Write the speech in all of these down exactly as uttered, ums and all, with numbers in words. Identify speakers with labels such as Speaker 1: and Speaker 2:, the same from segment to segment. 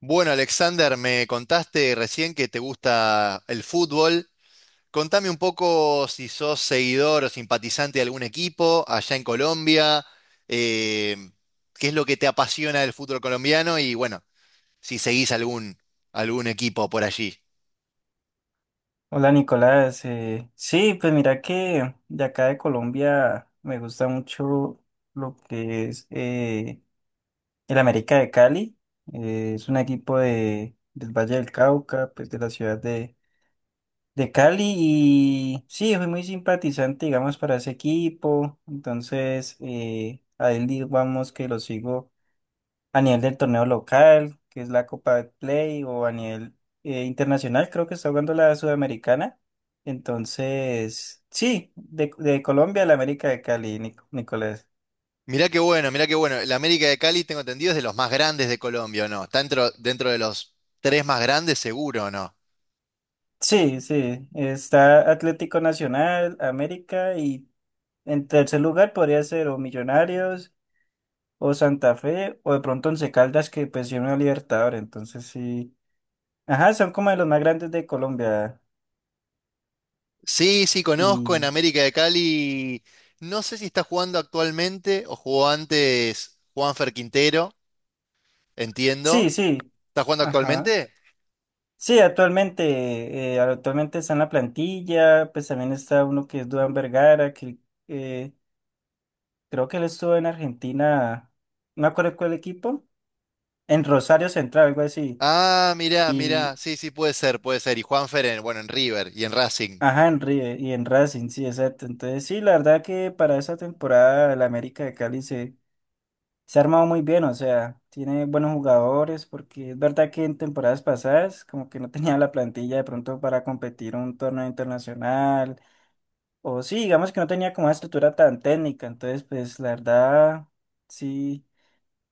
Speaker 1: Bueno, Alexander, me contaste recién que te gusta el fútbol. Contame un poco si sos seguidor o simpatizante de algún equipo allá en Colombia, eh, qué es lo que te apasiona del fútbol colombiano y bueno, si seguís algún, algún equipo por allí.
Speaker 2: Hola Nicolás, eh, sí, pues mira que de acá de Colombia me gusta mucho lo que es eh, el América de Cali. Eh, es un equipo de, del Valle del Cauca, pues de la ciudad de, de Cali. Y sí, fui muy simpatizante, digamos, para ese equipo. Entonces eh, a él digamos que lo sigo a nivel del torneo local, que es la Copa de Play, o a nivel eh, internacional. Creo que está jugando la Sudamericana. Entonces, sí, de, de Colombia a la América de Cali, Nic- Nicolás.
Speaker 1: Mirá qué bueno, mirá qué bueno. La América de Cali, tengo entendido, es de los más grandes de Colombia, ¿o no? Está dentro, dentro de los tres más grandes, seguro, ¿o no?
Speaker 2: Sí, sí, está Atlético Nacional, América, y en tercer lugar podría ser o Millonarios o Santa Fe, o de pronto Once Caldas, que pues lleva una Libertadores. Entonces sí. Ajá, son como de los más grandes de Colombia.
Speaker 1: Sí, sí, conozco en
Speaker 2: Y
Speaker 1: América de Cali. No sé si está jugando actualmente o jugó antes Juanfer Quintero,
Speaker 2: sí,
Speaker 1: entiendo.
Speaker 2: sí,
Speaker 1: ¿Está jugando
Speaker 2: ajá.
Speaker 1: actualmente?
Speaker 2: Sí, actualmente, eh, actualmente está en la plantilla. Pues también está uno que es Duan Vergara, que eh, creo que él estuvo en Argentina, no me acuerdo cuál equipo, en Rosario Central, algo así.
Speaker 1: Ah, mirá, mirá.
Speaker 2: Y
Speaker 1: Sí, sí, puede ser, puede ser. Y Juanfer en, bueno, en River y en Racing.
Speaker 2: ajá, en River y en Racing, sí, exacto. Entonces sí, la verdad que para esta temporada el América de Cali se, se ha armado muy bien. O sea, tiene buenos jugadores, porque es verdad que en temporadas pasadas como que no tenía la plantilla de pronto para competir un torneo internacional. O sí, digamos que no tenía como una estructura tan técnica. Entonces pues la verdad sí,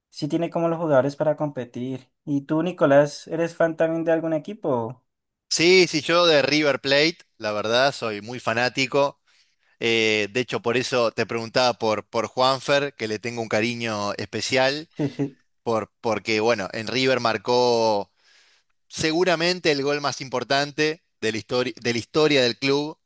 Speaker 2: sí tiene como los jugadores para competir. ¿Y tú, Nicolás, eres fan también de algún equipo?
Speaker 1: Sí, sí, yo de River Plate, la verdad, soy muy fanático. Eh, de hecho, por eso te preguntaba por, por Juanfer, que le tengo un cariño especial, por, porque, bueno, en River marcó seguramente el gol más importante de la, histori- de la historia del club.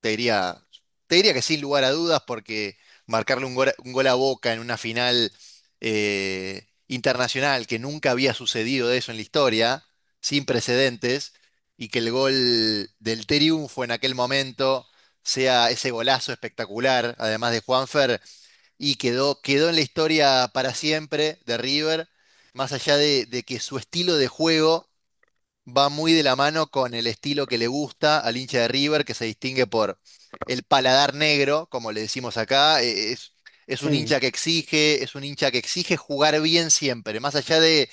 Speaker 1: Te diría, Te diría que sin lugar a dudas, porque marcarle un gol, a- un gol a Boca en una final eh, internacional que nunca había sucedido de eso en la historia, sin precedentes, y que el gol del triunfo en aquel momento sea ese golazo espectacular, además de Juanfer, y quedó, quedó en la historia para siempre de River, más allá de de que su estilo de juego va muy de la mano con el estilo que le gusta al hincha de River, que se distingue por el paladar negro, como le decimos acá. Eh, Es, es un
Speaker 2: Sí.
Speaker 1: hincha que exige, es un hincha que exige jugar bien siempre, más allá de,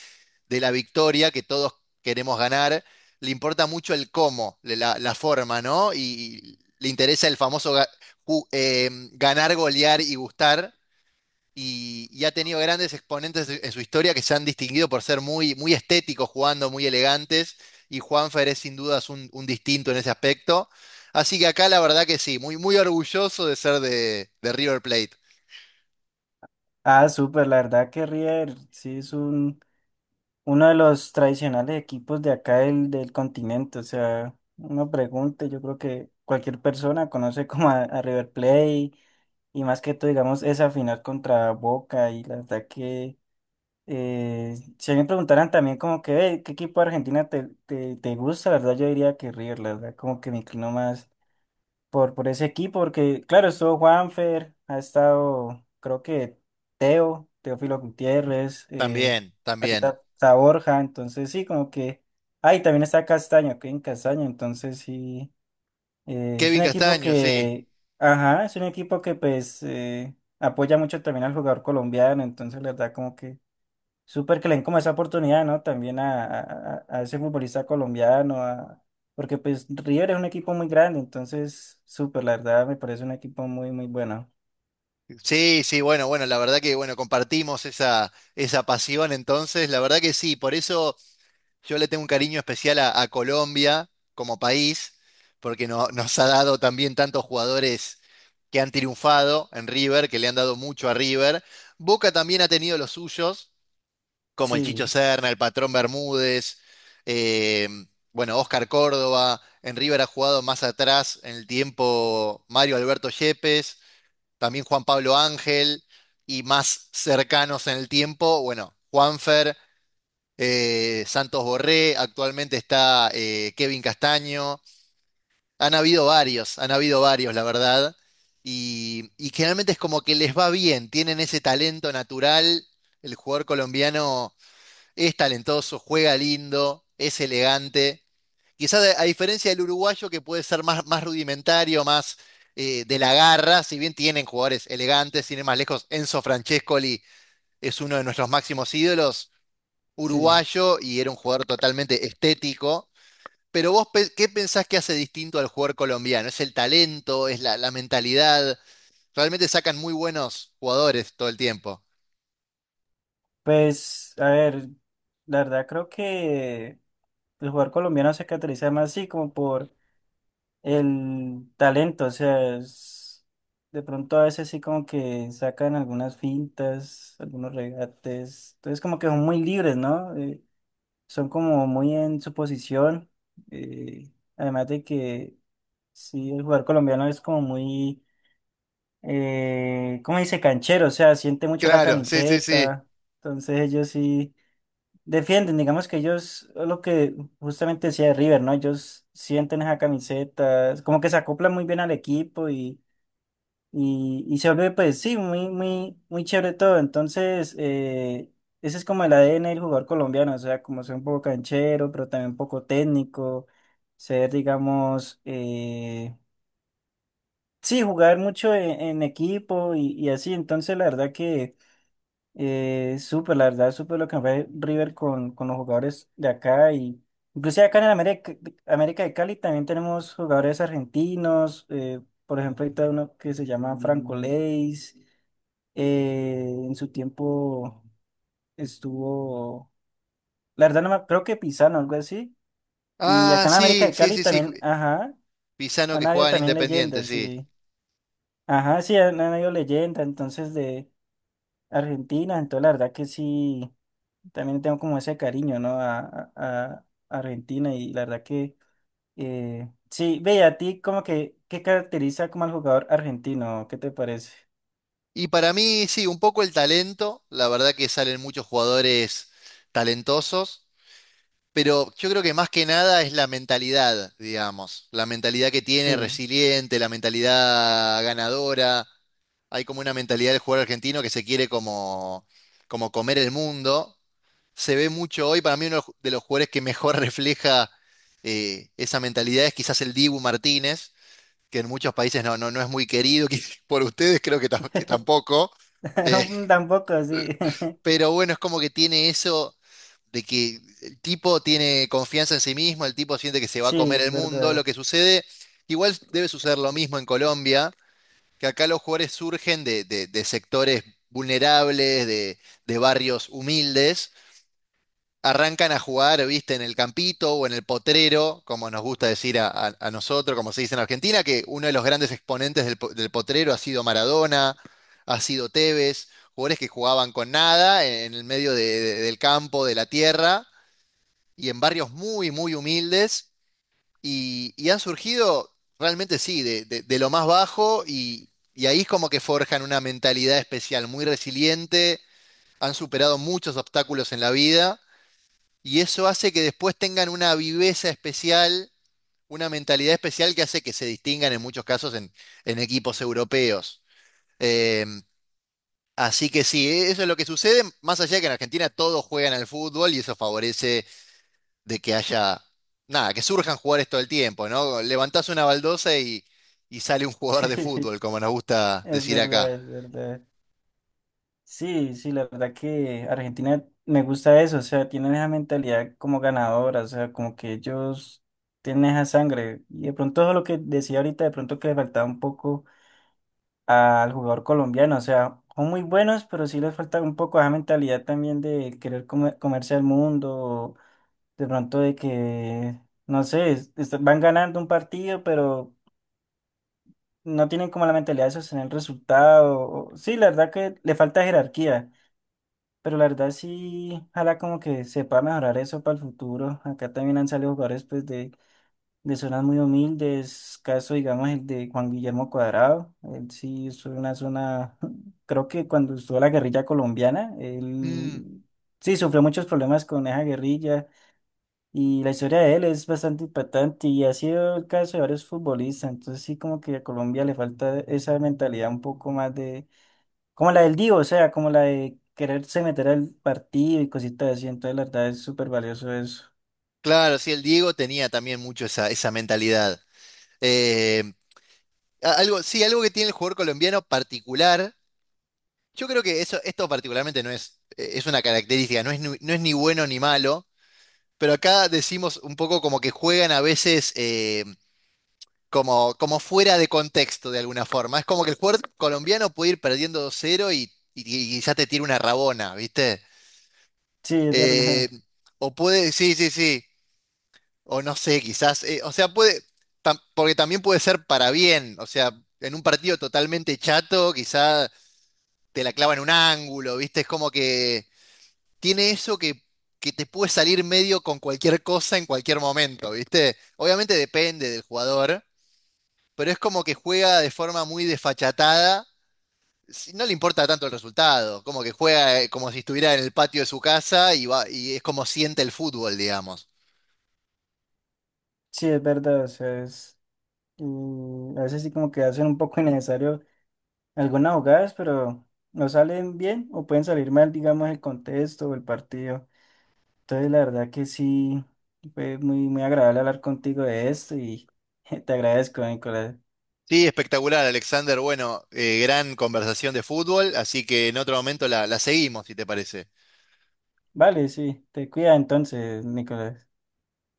Speaker 1: de la victoria que todos queremos ganar, le importa mucho el cómo, le- la, la forma, ¿no? Y, y le interesa el famoso ga- ju- eh, ganar, golear y gustar y, y ha tenido grandes exponentes en su en su historia que se han distinguido por ser muy, muy estéticos jugando, muy elegantes, y Juanfer es sin dudas un, un distinto en ese aspecto. Así que acá la verdad que sí, muy, muy orgulloso de ser de, de River Plate.
Speaker 2: Ah, súper, la verdad que River sí es un, uno de los tradicionales equipos de acá del, del continente. O sea, uno pregunte, yo creo que cualquier persona conoce como a, a River Plate, y más que todo, digamos, esa final contra Boca. Y la verdad que... Eh, si a mí me preguntaran también como que, "Ve, ¿qué equipo de Argentina te, te, te gusta?" La verdad yo diría que River. La verdad, como que me inclino más por, por ese equipo, porque claro, estuvo Juanfer, ha estado, creo que Teo, Teófilo Gutiérrez. Eh,
Speaker 1: También, también.
Speaker 2: ahorita está Borja. Entonces sí, como que ahí también está Castaño, que en Castaño, entonces sí. Eh, es
Speaker 1: Kevin
Speaker 2: un equipo
Speaker 1: Castaño, sí.
Speaker 2: que, ajá, es un equipo que pues eh, apoya mucho también al jugador colombiano. Entonces la verdad como que... Súper que le den como esa oportunidad, ¿no? También a, a- a- a ese futbolista colombiano, a- porque pues River es un equipo muy grande. Entonces, súper, la verdad, me parece un equipo muy, muy bueno.
Speaker 1: Sí, sí, bueno, bueno, la verdad que bueno, compartimos esa, esa pasión entonces, la verdad que sí, por eso yo le tengo un cariño especial a, a Colombia como país, porque no- nos ha dado también tantos jugadores que han triunfado en River, que le han dado mucho a River. Boca también ha tenido los suyos, como el Chicho
Speaker 2: Sí,
Speaker 1: Serna, el Patrón Bermúdez, eh, bueno, Oscar Córdoba. En River ha jugado más atrás en el tiempo Mario Alberto Yepes, también Juan Pablo Ángel, y más cercanos en el tiempo, bueno, Juanfer, eh, Santos Borré, actualmente está, eh, Kevin Castaño. Han habido varios, han habido varios, la verdad. Y, y generalmente es como que les va bien, tienen ese talento natural. El jugador colombiano es talentoso, juega lindo, es elegante. Quizás a a diferencia del uruguayo que puede ser más, más rudimentario, más, eh, de la garra, si bien tienen jugadores elegantes, sin ir más lejos, Enzo Francescoli es uno de nuestros máximos ídolos
Speaker 2: sí.
Speaker 1: uruguayo y era un jugador totalmente estético. Pero vos, pe- ¿qué pensás que hace distinto al jugador colombiano? ¿Es el talento? ¿Es la, la mentalidad? Realmente sacan muy buenos jugadores todo el tiempo.
Speaker 2: Pues, a ver, la verdad creo que el jugador colombiano se caracteriza más así como por el talento. O sea, es- de pronto a veces sí como que sacan algunas fintas, algunos regates, entonces como que son muy libres, ¿no? Eh, son como muy en su posición. eh, Además de que sí, el jugador colombiano es como muy, eh, ¿cómo dice? Canchero, o sea, siente mucho la
Speaker 1: Claro, sí, sí, sí.
Speaker 2: camiseta. Entonces ellos sí defienden, digamos que ellos, lo que justamente decía de River, ¿no? Ellos sienten esa camiseta, como que se acoplan muy bien al equipo, y y se vuelve, pues sí, muy, muy, muy chévere todo. Entonces, eh, ese es como el A D N del jugador colombiano. O sea, como ser un poco canchero, pero también un poco técnico, ser, digamos, eh, sí, jugar mucho en, en equipo, y, y así. Entonces, la verdad que eh, súper, la verdad, súper lo que fue River con, con los jugadores de acá y. Inclusive acá en el América, América de Cali también tenemos jugadores argentinos. Eh, por ejemplo, hay todo uno que se llama Franco Leis. Eh, en su tiempo estuvo, la verdad no me, creo que Pisano, algo así. Y
Speaker 1: Ah,
Speaker 2: acá en América
Speaker 1: sí,
Speaker 2: de
Speaker 1: sí,
Speaker 2: Cali
Speaker 1: sí, sí.
Speaker 2: también, ajá,
Speaker 1: Pisano
Speaker 2: han
Speaker 1: que
Speaker 2: habido
Speaker 1: juega en
Speaker 2: también
Speaker 1: Independiente,
Speaker 2: leyendas,
Speaker 1: sí.
Speaker 2: sí. Ajá, sí, han, han habido leyendas, entonces de Argentina. Entonces la verdad que sí, también tengo como ese cariño, ¿no? A, a- a Argentina. Y la verdad que, eh, sí, ve, y a ti como que, ¿qué caracteriza como al jugador argentino? ¿Qué te parece?
Speaker 1: Y para mí, sí, un poco el talento. La verdad que salen muchos jugadores talentosos. Pero yo creo que más que nada es la mentalidad, digamos, la mentalidad que tiene,
Speaker 2: Sí,
Speaker 1: resiliente, la mentalidad ganadora. Hay como una mentalidad del jugador argentino que se quiere como, como comer el mundo. Se ve mucho hoy, para mí uno de los jugadores que mejor refleja, eh, esa mentalidad es quizás el Dibu Martínez, que en muchos países no, no, no es muy querido, que por ustedes creo que, tam- que tampoco. Eh,
Speaker 2: tampoco, sí,
Speaker 1: pero bueno, es como que tiene eso de que el tipo tiene confianza en sí mismo, el tipo siente que se va a
Speaker 2: sí,
Speaker 1: comer
Speaker 2: es
Speaker 1: el mundo. Lo
Speaker 2: verdad.
Speaker 1: que sucede, igual debe suceder lo mismo en Colombia, que acá los jugadores surgen de, de- de sectores vulnerables, de, de barrios humildes, arrancan a jugar, viste, en el campito o en el potrero, como nos gusta decir a, a- a nosotros, como se dice en Argentina, que uno de los grandes exponentes del, po- del potrero ha sido Maradona, ha sido Tevez, jugadores que jugaban con nada en el medio de- de- del campo, de la tierra y en barrios muy, muy humildes y, y han surgido realmente sí, de, de- de lo más bajo y, y ahí es como que forjan una mentalidad especial, muy resiliente, han superado muchos obstáculos en la vida y eso hace que después tengan una viveza especial, una mentalidad especial que hace que se distingan en muchos casos en, en equipos europeos. Eh, Así que sí, eso es lo que sucede, más allá de que en Argentina todos juegan al fútbol y eso favorece de que haya, nada, que surjan jugadores todo el tiempo, ¿no? Levantás una baldosa y, y sale un jugador de fútbol, como nos gusta
Speaker 2: Es
Speaker 1: decir acá.
Speaker 2: verdad, es verdad. Sí, sí, la verdad que Argentina me gusta eso. O sea, tienen esa mentalidad como ganadora. O sea, como que ellos tienen esa sangre. Y de pronto eso es lo que decía ahorita, de pronto que le faltaba un poco al jugador colombiano. O sea, son muy buenos, pero sí les falta un poco esa mentalidad también de querer come- comerse al mundo, o de pronto de que, no sé, es- est- van ganando un partido, pero no tienen como la mentalidad de sostener el resultado. O- sí, la verdad que le falta jerarquía. Pero la verdad sí, ojalá como que se pueda mejorar eso para el futuro. Acá también han salido jugadores pues de, de zonas muy humildes, caso digamos el de Juan Guillermo Cuadrado. Él sí es una zona, creo que cuando estuvo la guerrilla colombiana,
Speaker 1: Mm,
Speaker 2: él sí sufrió muchos problemas con esa guerrilla, y la historia de él es bastante impactante y ha sido el caso de varios futbolistas. Entonces sí como que a Colombia le falta esa mentalidad un poco más como la del Divo. O sea, como la de quererse meter al partido y cositas así. Entonces, la verdad es súper valioso eso.
Speaker 1: claro, sí, el Diego tenía también mucho esa, esa mentalidad. Eh, a- Algo, sí, algo que tiene el jugador colombiano particular, yo creo que eso, esto particularmente no es, eh, es una característica, no es, ni- no es ni bueno ni malo, pero acá decimos un poco como que juegan a veces eh, como, como fuera de contexto de alguna forma. Es como que el jugador colombiano puede ir perdiendo dos cero y, y- y ya te tira una rabona, ¿viste?
Speaker 2: Sí, es
Speaker 1: Eh,
Speaker 2: verdad.
Speaker 1: o puede, sí, sí, sí, o no sé, quizás, eh, o sea, puede, tam- porque también puede ser para bien, o sea, en un partido totalmente chato, quizás te la clava en un ángulo, ¿viste? Es como que tiene eso que... que te puede salir medio con cualquier cosa en cualquier momento, ¿viste? Obviamente depende del jugador, pero es como que juega de forma muy desfachatada. si- No le importa tanto el resultado, como que juega, eh, como si estuviera en el patio de su casa y va, y es como siente el fútbol, digamos.
Speaker 2: Sí, es verdad. O sea, es. Mm, a veces sí, como que hacen un poco innecesario algunas jugadas, pero no salen bien o pueden salir mal, digamos, el contexto o el partido. Entonces, la verdad que sí, fue muy, muy agradable hablar contigo de esto y te agradezco, Nicolás.
Speaker 1: Sí, espectacular, Alexander. Bueno, eh, gran conversación de fútbol, así que en otro momento la, la seguimos, si te parece.
Speaker 2: Vale, sí, te cuida entonces, Nicolás.